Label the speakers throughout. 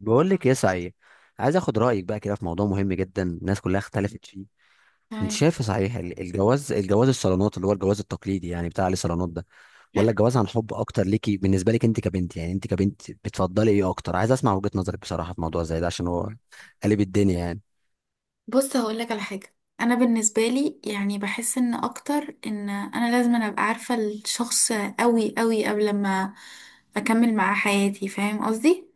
Speaker 1: بقول لك ايه صحيح. عايز اخد رايك بقى كده في موضوع مهم جدا، الناس كلها اختلفت فيه. انت
Speaker 2: تمام.
Speaker 1: شايف صحيح الجواز الصالونات، اللي هو الجواز التقليدي، يعني بتاع عليه صالونات ده، ولا
Speaker 2: حلو.
Speaker 1: الجواز عن حب اكتر ليكي؟ بالنسبه لك انت كبنت، يعني انت كبنت بتفضلي ايه اكتر؟ عايز اسمع وجهه نظرك بصراحه في موضوع زي ده، عشان هو قلب الدنيا يعني.
Speaker 2: بص، هقول لك على حاجه. انا بالنسبه لي يعني بحس ان اكتر ان انا لازم ابقى عارفه الشخص قوي قوي قبل ما اكمل معاه حياتي، فاهم قصدي؟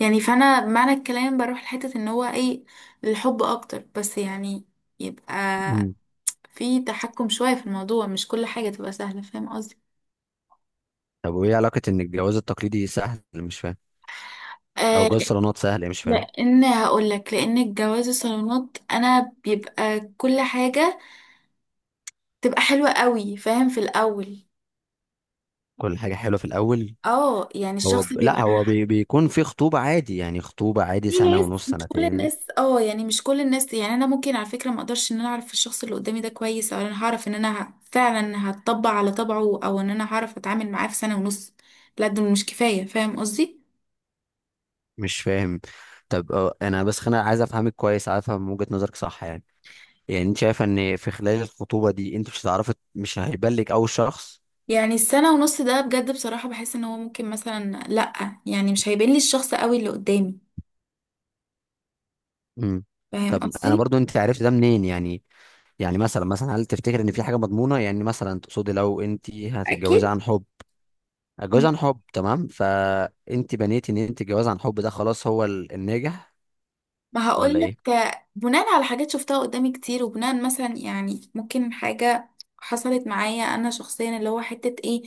Speaker 2: يعني فانا بمعنى الكلام بروح لحته ان هو ايه، الحب اكتر، بس يعني يبقى
Speaker 1: مم.
Speaker 2: في تحكم شويه في الموضوع، مش كل حاجه تبقى سهله، فاهم قصدي؟
Speaker 1: طب وايه علاقه ان الجواز التقليدي سهل؟ مش فاهم. او
Speaker 2: آه
Speaker 1: جواز الصالونات سهل؟ مش فاهم.
Speaker 2: لان هقول لك، لان الجواز الصالونات انا بيبقى كل حاجه تبقى حلوة قوي، فاهم، في الأول.
Speaker 1: كل حاجه حلوه في الاول.
Speaker 2: اه يعني
Speaker 1: هو
Speaker 2: الشخص
Speaker 1: ب... لا
Speaker 2: بيبقى
Speaker 1: هو بي... بيكون في خطوبه عادي، يعني خطوبه عادي
Speaker 2: في
Speaker 1: سنه
Speaker 2: ناس،
Speaker 1: ونص
Speaker 2: مش كل
Speaker 1: سنتين.
Speaker 2: الناس، اه يعني مش كل الناس. يعني انا ممكن على فكره ما اقدرش ان انا اعرف الشخص اللي قدامي ده كويس، او انا هعرف ان انا فعلا هتطبع على طبعه، او ان انا هعرف اتعامل معاه في سنه ونص. لا، دول مش كفايه، فاهم قصدي؟
Speaker 1: مش فاهم. طب انا بس انا عايز افهمك كويس، عايز افهم من وجهة نظرك صح يعني. يعني انت شايفه ان في خلال الخطوبه دي انت مش هتعرفي، مش هيبان لك اول شخص.
Speaker 2: يعني السنه ونص ده بجد بصراحه بحس ان هو ممكن مثلا لا، يعني مش هيبين لي الشخص قوي اللي قدامي،
Speaker 1: امم.
Speaker 2: فاهم
Speaker 1: طب انا
Speaker 2: قصدي؟
Speaker 1: برضو، انت عرفت ده منين يعني؟ يعني مثلا هل تفتكر ان في حاجه مضمونه؟ يعني مثلا تقصدي لو انت هتتجوزي
Speaker 2: اكيد.
Speaker 1: عن حب، هتجوزي عن حب تمام، فانت بنيتي ان انت الجواز عن حب ده خلاص هو الناجح
Speaker 2: ما
Speaker 1: ولا
Speaker 2: هقولك
Speaker 1: ايه؟
Speaker 2: آه، بناء على حاجات شفتها قدامي كتير، وبناء مثلا يعني ممكن حاجة حصلت معايا انا شخصيا اللي هو حتة ايه،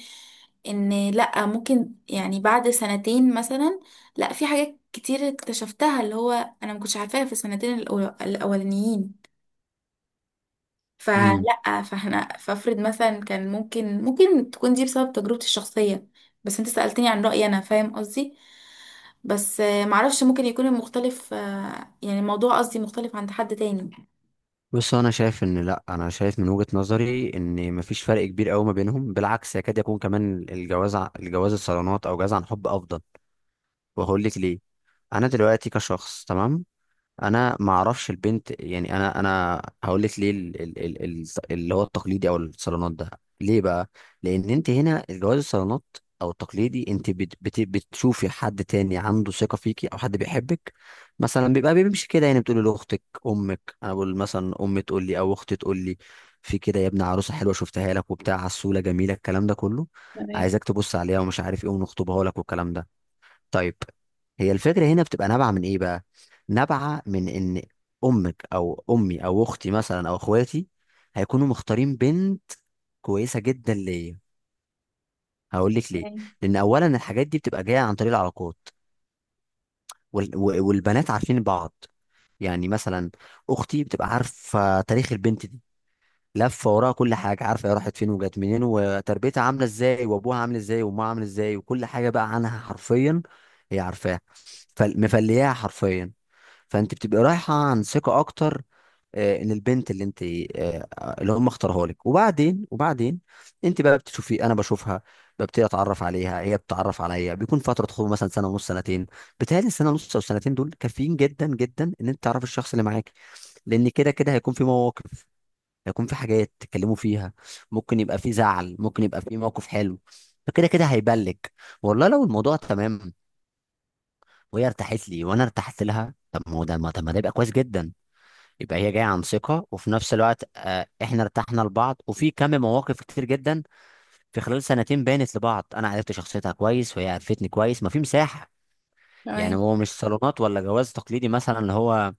Speaker 2: ان لا ممكن يعني بعد سنتين مثلا، لا في حاجات كتير اكتشفتها اللي هو انا ما كنتش عارفاها في السنتين الاولانيين.
Speaker 1: مم.
Speaker 2: فلا فاحنا فافرض مثلا كان ممكن، تكون دي بسبب تجربتي الشخصية، بس انت سألتني عن رأيي انا، فاهم قصدي؟ بس آه، معرفش ممكن يكون المختلف آه، يعني الموضوع قصدي مختلف عند حد تاني.
Speaker 1: بص انا شايف ان، لا، انا شايف من وجهة نظري ان مفيش فرق كبير قوي ما بينهم، بالعكس يكاد يكون كمان الجواز الجواز الصالونات او جواز عن حب افضل. وهقول لك ليه. انا دلوقتي كشخص تمام، انا ما اعرفش البنت، يعني انا هقول لك ليه اللي هو التقليدي او الصالونات ده. ليه بقى؟ لان انت هنا الجواز الصالونات او التقليدي، انت بت بت بتشوفي حد تاني عنده ثقه فيكي، او حد بيحبك مثلا، بيبقى بيمشي كده. يعني بتقولي لاختك امك، انا بقول مثلا امي تقول لي او اختي تقول لي، في كده يا ابني عروسه حلوه شفتها لك وبتاع، عسوله، جميله، الكلام ده كله،
Speaker 2: تمام.
Speaker 1: عايزك تبص عليها ومش عارف ايه، ونخطبها لك والكلام ده. طيب، هي الفكرة هنا بتبقى نابعة من ايه بقى؟ نابعة من ان امك او امي او اختي مثلا او اخواتي هيكونوا مختارين بنت كويسة جدا ليا. هقول لك ليه.
Speaker 2: تمام.
Speaker 1: لان اولا الحاجات دي بتبقى جاية عن طريق العلاقات، والبنات عارفين بعض. يعني مثلا اختي بتبقى عارفة تاريخ البنت دي، لفة وراها، كل حاجة عارفة، هي راحت فين وجت منين وتربيتها عاملة ازاي وابوها عامل ازاي وامها عامل ازاي وكل حاجة بقى عنها، حرفيا هي عارفاها، فمفلياها حرفيا. فانت بتبقى رايحه عن ثقه اكتر ان البنت اللي انت، آه، اللي هم اختاروها لك. وبعدين، انت بقى بتشوفي، انا بشوفها، ببتدي اتعرف عليها، هي بتتعرف عليا، بيكون فتره خطوبه مثلا سنه ونص سنتين. بتهيألي السنه ونص او سنتين دول كافيين جدا جدا ان انت تعرف الشخص اللي معاك. لان كده كده هيكون في مواقف، هيكون في حاجات تتكلموا فيها، ممكن يبقى في زعل، ممكن يبقى في موقف حلو. فكده كده هيبلج والله لو الموضوع تمام، وهي ارتاحت لي وانا ارتحت لها. طب ما هو ده ما طب ما ده يبقى كويس جدا. يبقى هي جايه عن ثقه، وفي نفس الوقت احنا ارتحنا لبعض، وفي كم مواقف كتير جدا في خلال سنتين بانت لبعض، انا عرفت شخصيتها كويس وهي عرفتني كويس، ما في مساحه. يعني
Speaker 2: تمام.
Speaker 1: هو مش صالونات ولا جواز تقليدي مثلا اللي هو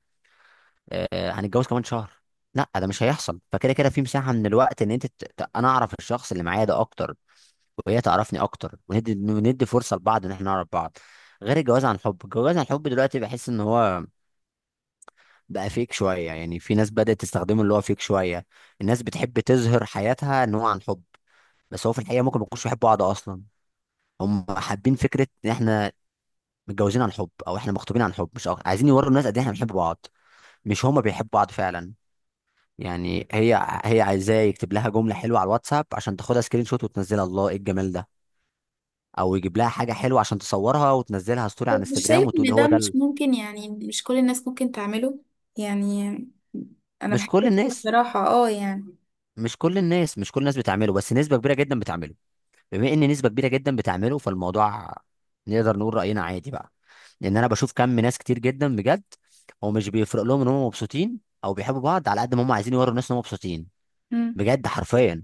Speaker 1: هنتجوز كمان شهر، لا ده مش هيحصل. فكده كده في مساحه من الوقت ان انا اعرف الشخص اللي معايا ده اكتر وهي تعرفني اكتر، وندي فرصه لبعض ان احنا نعرف بعض. غير الجواز عن حب. الجواز عن حب دلوقتي بحس ان هو بقى فيك شوية، يعني في ناس بدأت تستخدمه، اللي هو فيك شوية. الناس بتحب تظهر حياتها ان هو عن حب، بس هو في الحقيقة ممكن ما يكونوش بيحبوا بعض اصلا. هم حابين فكرة ان احنا متجوزين عن حب، او احنا مخطوبين عن حب، مش أكتر. عايزين يوروا الناس قد ايه احنا بنحب بعض، مش هما بيحبوا بعض فعلا. يعني هي عايزاه يكتب لها جملة حلوة على الواتساب عشان تاخدها سكرين شوت وتنزلها، الله ايه الجمال ده. او يجيب لها حاجة حلوة عشان تصورها وتنزلها ستوري
Speaker 2: بس
Speaker 1: على
Speaker 2: مش
Speaker 1: انستجرام
Speaker 2: شايف
Speaker 1: وتقول
Speaker 2: ان
Speaker 1: هو
Speaker 2: ده
Speaker 1: ده
Speaker 2: مش ممكن؟ يعني مش كل الناس ممكن تعمله. يعني انا
Speaker 1: مش
Speaker 2: بحب
Speaker 1: كل
Speaker 2: كده
Speaker 1: الناس،
Speaker 2: بصراحة، اه يعني.
Speaker 1: مش كل الناس، مش كل الناس بتعمله، بس نسبة كبيرة جدا بتعمله. بما ان نسبه كبيره جدا بتعمله فالموضوع نقدر نقول راينا عادي بقى. لان انا بشوف كم ناس كتير جدا بجد، هو مش بيفرق لهم ان هم مبسوطين او بيحبوا بعض على قد ما هم عايزين يوروا الناس ان هم مبسوطين.
Speaker 2: مم.
Speaker 1: بجد حرفيا.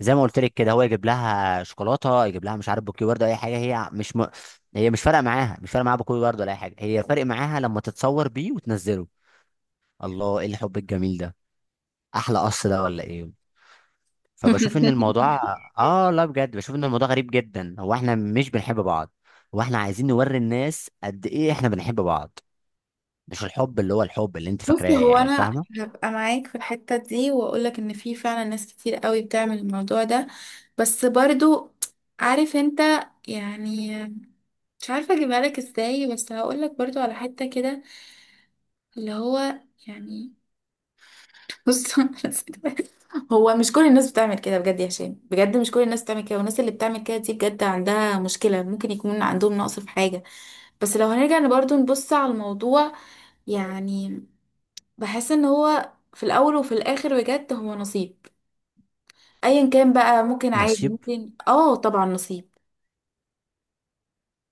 Speaker 1: زي ما قلت لك كده، هو يجيب لها شوكولاته، يجيب لها مش عارف بوكيه ورد، اي حاجه، هي مش فارقه معاها، مش فارقه معاها بوكيه ورد ولا اي حاجه، هي فارق معاها لما تتصور بيه وتنزله، الله ايه الحب الجميل ده، احلى قص ده ولا ايه؟ فبشوف ان الموضوع، اه لا بجد بشوف ان الموضوع غريب جدا. هو احنا مش بنحب بعض، هو احنا عايزين نوري الناس قد ايه احنا بنحب بعض. مش الحب اللي هو الحب اللي انت فاكراه،
Speaker 2: بصي، هو
Speaker 1: يعني
Speaker 2: انا
Speaker 1: فاهمه.
Speaker 2: هبقى معاك في الحتة دي واقولك ان في فعلا ناس كتير قوي بتعمل الموضوع ده، بس برضو عارف انت، يعني مش عارفة اجيبها لك ازاي، بس هقولك برضو على حتة كده اللي هو يعني، بص. هو مش كل الناس بتعمل كده بجد يا هشام، بجد مش كل الناس بتعمل كده، والناس اللي بتعمل كده دي بجد عندها مشكلة، ممكن يكون عندهم نقص في حاجة. بس لو هنرجع برضو نبص على الموضوع، يعني بحس ان هو في الاول وفي الاخر بجد هو نصيب، ايا كان بقى. ممكن عادي،
Speaker 1: نصيب.
Speaker 2: ممكن، اه طبعا نصيب.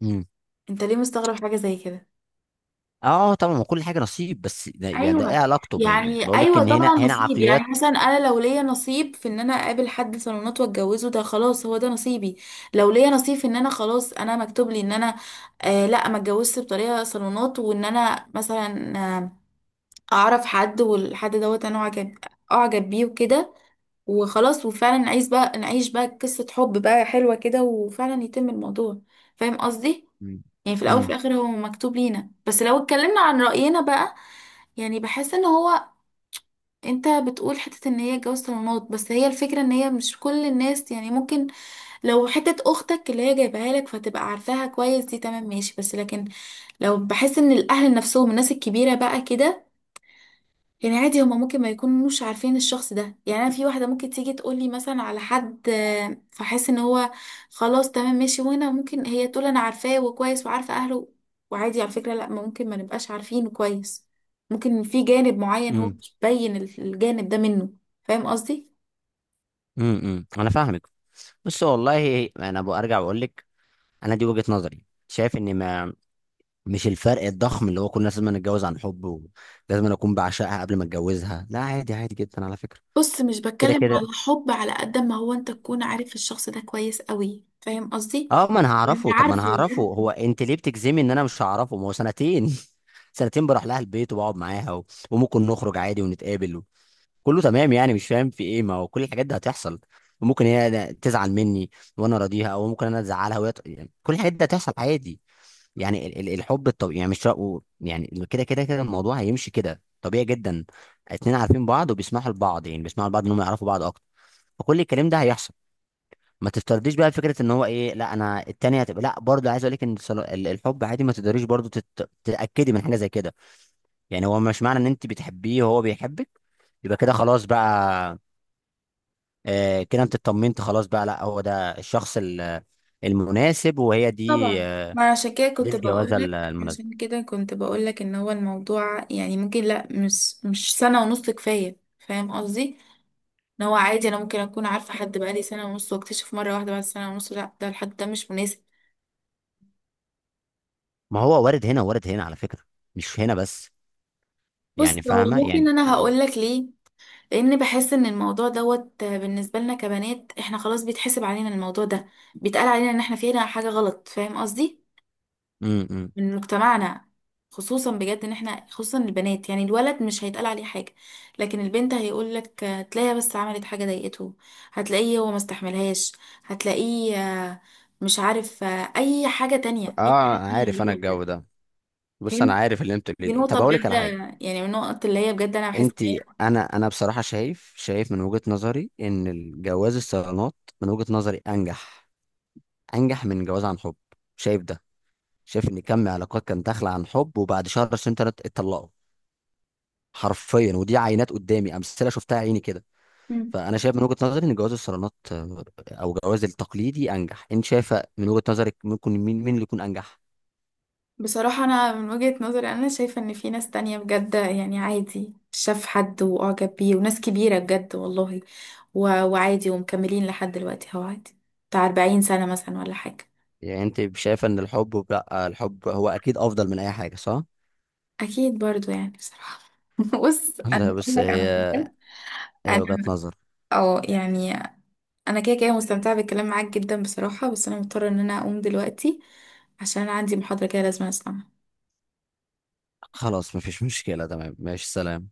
Speaker 1: امم.
Speaker 2: انت ليه مستغرب حاجة زي كده؟
Speaker 1: اه طبعا ما كل حاجه نصيب، بس ده يعني ده ايه
Speaker 2: ايوه.
Speaker 1: علاقته
Speaker 2: يعني
Speaker 1: بقول لك
Speaker 2: ايوه
Speaker 1: ان هنا
Speaker 2: طبعا نصيب. يعني
Speaker 1: عقليات.
Speaker 2: مثلا انا لو ليا نصيب في ان انا اقابل حد صالونات واتجوزه، ده خلاص هو ده نصيبي. لو ليا نصيب في ان انا خلاص انا مكتوب لي ان انا آه لا ما اتجوزش بطريقه صالونات، وان انا مثلا آه اعرف حد والحد دوت انا اعجب، اعجب بيه وكده، وخلاص، وفعلا نعيش بقى، نعيش بقى قصه حب بقى حلوه كده، وفعلا يتم الموضوع، فاهم قصدي؟
Speaker 1: امم
Speaker 2: يعني في الاول وفي
Speaker 1: امم
Speaker 2: الاخر هو مكتوب لينا، بس لو اتكلمنا عن راينا بقى، يعني بحس ان هو، انت بتقول حته ان هي جواز صالونات، بس هي الفكره ان هي مش كل الناس. يعني ممكن لو حته اختك اللي هي جايبها لك فتبقى عارفاها كويس، دي تمام ماشي، بس لكن لو بحس ان الاهل نفسهم، الناس الكبيره بقى كده، يعني عادي هما ممكن ما يكونوش عارفين الشخص ده. يعني انا في واحده ممكن تيجي تقولي مثلا على حد آه، فاحس ان هو خلاص تمام ماشي، وانا ممكن هي تقول انا عارفاه وكويس وعارفه اهله، وعادي على فكره لا، ما ممكن ما نبقاش عارفينه كويس، ممكن في جانب معين هو
Speaker 1: امم
Speaker 2: مش باين الجانب ده منه، فاهم قصدي؟
Speaker 1: انا فاهمك. بس والله انا برجع بقول لك، انا دي وجهه نظري، شايف ان ما، مش الفرق الضخم اللي هو كل الناس لازم نتجوز عن حب، ولازم أنا اكون بعشقها قبل ما اتجوزها، لا، عادي، عادي جدا على فكره.
Speaker 2: بص، مش
Speaker 1: كده
Speaker 2: بتكلم على
Speaker 1: كده.
Speaker 2: حب على قد ما هو انت تكون عارف الشخص ده كويس قوي، فاهم قصدي؟
Speaker 1: اه، ما انا
Speaker 2: يعني
Speaker 1: هعرفه،
Speaker 2: عارفه
Speaker 1: هو
Speaker 2: يعني.
Speaker 1: انت ليه بتجزمي ان انا مش هعرفه؟ ما هو سنتين سنتين بروح لها البيت وبقعد معاها وممكن نخرج عادي ونتقابل، كله تمام. يعني مش فاهم في ايه، ما هو كل الحاجات دي هتحصل. وممكن هي تزعل مني وانا راضيها، او ممكن انا ازعلها وهي يعني كل الحاجات دي هتحصل عادي. يعني الحب الطبيعي، يعني مش رأو، يعني كده كده كده الموضوع هيمشي كده طبيعي جدا، اتنين عارفين بعض وبيسمحوا لبعض، يعني بيسمحوا لبعض انهم يعرفوا بعض اكتر، فكل الكلام ده هيحصل. ما تفترضيش بقى فكره ان هو ايه، لا انا التانية هتبقى، لا، برضه عايز اقول لك ان الحب عادي، ما تقدريش برضه تتاكدي من حاجه زي كده. يعني هو مش معنى ان انت بتحبيه وهو بيحبك يبقى كده خلاص بقى، كده انت اطمنت خلاص بقى، لا هو ده الشخص المناسب، وهي دي
Speaker 2: طبعا. ما عشان كده
Speaker 1: دي
Speaker 2: كنت
Speaker 1: الجوازه
Speaker 2: بقولك،
Speaker 1: المناسبه.
Speaker 2: عشان كده كنت بقولك ان هو الموضوع يعني ممكن لا، مش سنة ونص كفاية، فاهم قصدي؟ ان هو عادي انا ممكن اكون عارفة حد بقالي سنة ونص واكتشف مرة واحدة بعد سنة ونص لا، ده الحد ده مش مناسب.
Speaker 1: ما هو وارد هنا، وارد هنا على فكره، مش هنا بس، يعني
Speaker 2: بص، هو
Speaker 1: فاهمه يعني.
Speaker 2: ممكن انا هقولك ليه، لان بحس ان الموضوع دوت بالنسبة لنا كبنات، احنا خلاص بيتحسب علينا الموضوع ده، بيتقال علينا ان احنا فينا حاجة غلط، فاهم قصدي؟
Speaker 1: امم.
Speaker 2: من مجتمعنا، خصوصا بجد ان احنا خصوصا البنات. يعني الولد مش هيتقال عليه حاجة، لكن البنت هيقول لك هتلاقيها بس عملت حاجة ضايقته، هتلاقيه هو ما استحملهاش، هتلاقيه آه، مش عارف آه، اي حاجة تانية، اي
Speaker 1: اه
Speaker 2: حاجة تانية
Speaker 1: عارف انا
Speaker 2: غريبة بجد.
Speaker 1: الجو ده. بص انا
Speaker 2: فهمت.
Speaker 1: عارف اللي انت بتقوليه
Speaker 2: دي
Speaker 1: ده.
Speaker 2: نقطة
Speaker 1: طب اقول لك
Speaker 2: بجد،
Speaker 1: على حاجه.
Speaker 2: يعني من النقط اللي هي بجد انا بحس ان
Speaker 1: انت.
Speaker 2: هي.
Speaker 1: انا بصراحه شايف من وجهه نظري ان الجواز الصالونات، من وجهه نظري انجح، انجح من جواز عن حب. شايف ده؟ شايف ان كم علاقات كان داخله عن حب وبعد شهر سنتين اتطلقوا، حرفيا، ودي عينات قدامي، امثله شفتها عيني كده.
Speaker 2: مم.
Speaker 1: فانا شايف من وجهه نظري ان جواز الصالونات او جواز التقليدي انجح. انت شايفه من وجهه نظرك ممكن مين اللي يكون انجح؟
Speaker 2: بصراحة أنا من وجهة نظري أنا شايفة إن في ناس تانية بجد، يعني عادي شاف حد وأعجب بيه، وناس كبيرة بجد والله، وعادي ومكملين لحد دلوقتي، هو عادي، بتاع 40 سنة مثلا ولا حاجة.
Speaker 1: يعني انت شايفه ان الحب، لا الحب هو اكيد افضل من اي حاجه صح؟
Speaker 2: أكيد برضو يعني بصراحة. بص، أنا
Speaker 1: لا
Speaker 2: بقول
Speaker 1: بس
Speaker 2: لك
Speaker 1: هي
Speaker 2: على حاجة،
Speaker 1: هي وجهه
Speaker 2: أنا
Speaker 1: نظر.
Speaker 2: أه يعني أنا كده كده مستمتعة بالكلام معاك جدا بصراحة، بس أنا مضطرة إن أنا أقوم دلوقتي، عشان أنا عندي محاضرة كده لازم أسمعها.
Speaker 1: خلاص مفيش مشكله، تمام ماشي، سلام.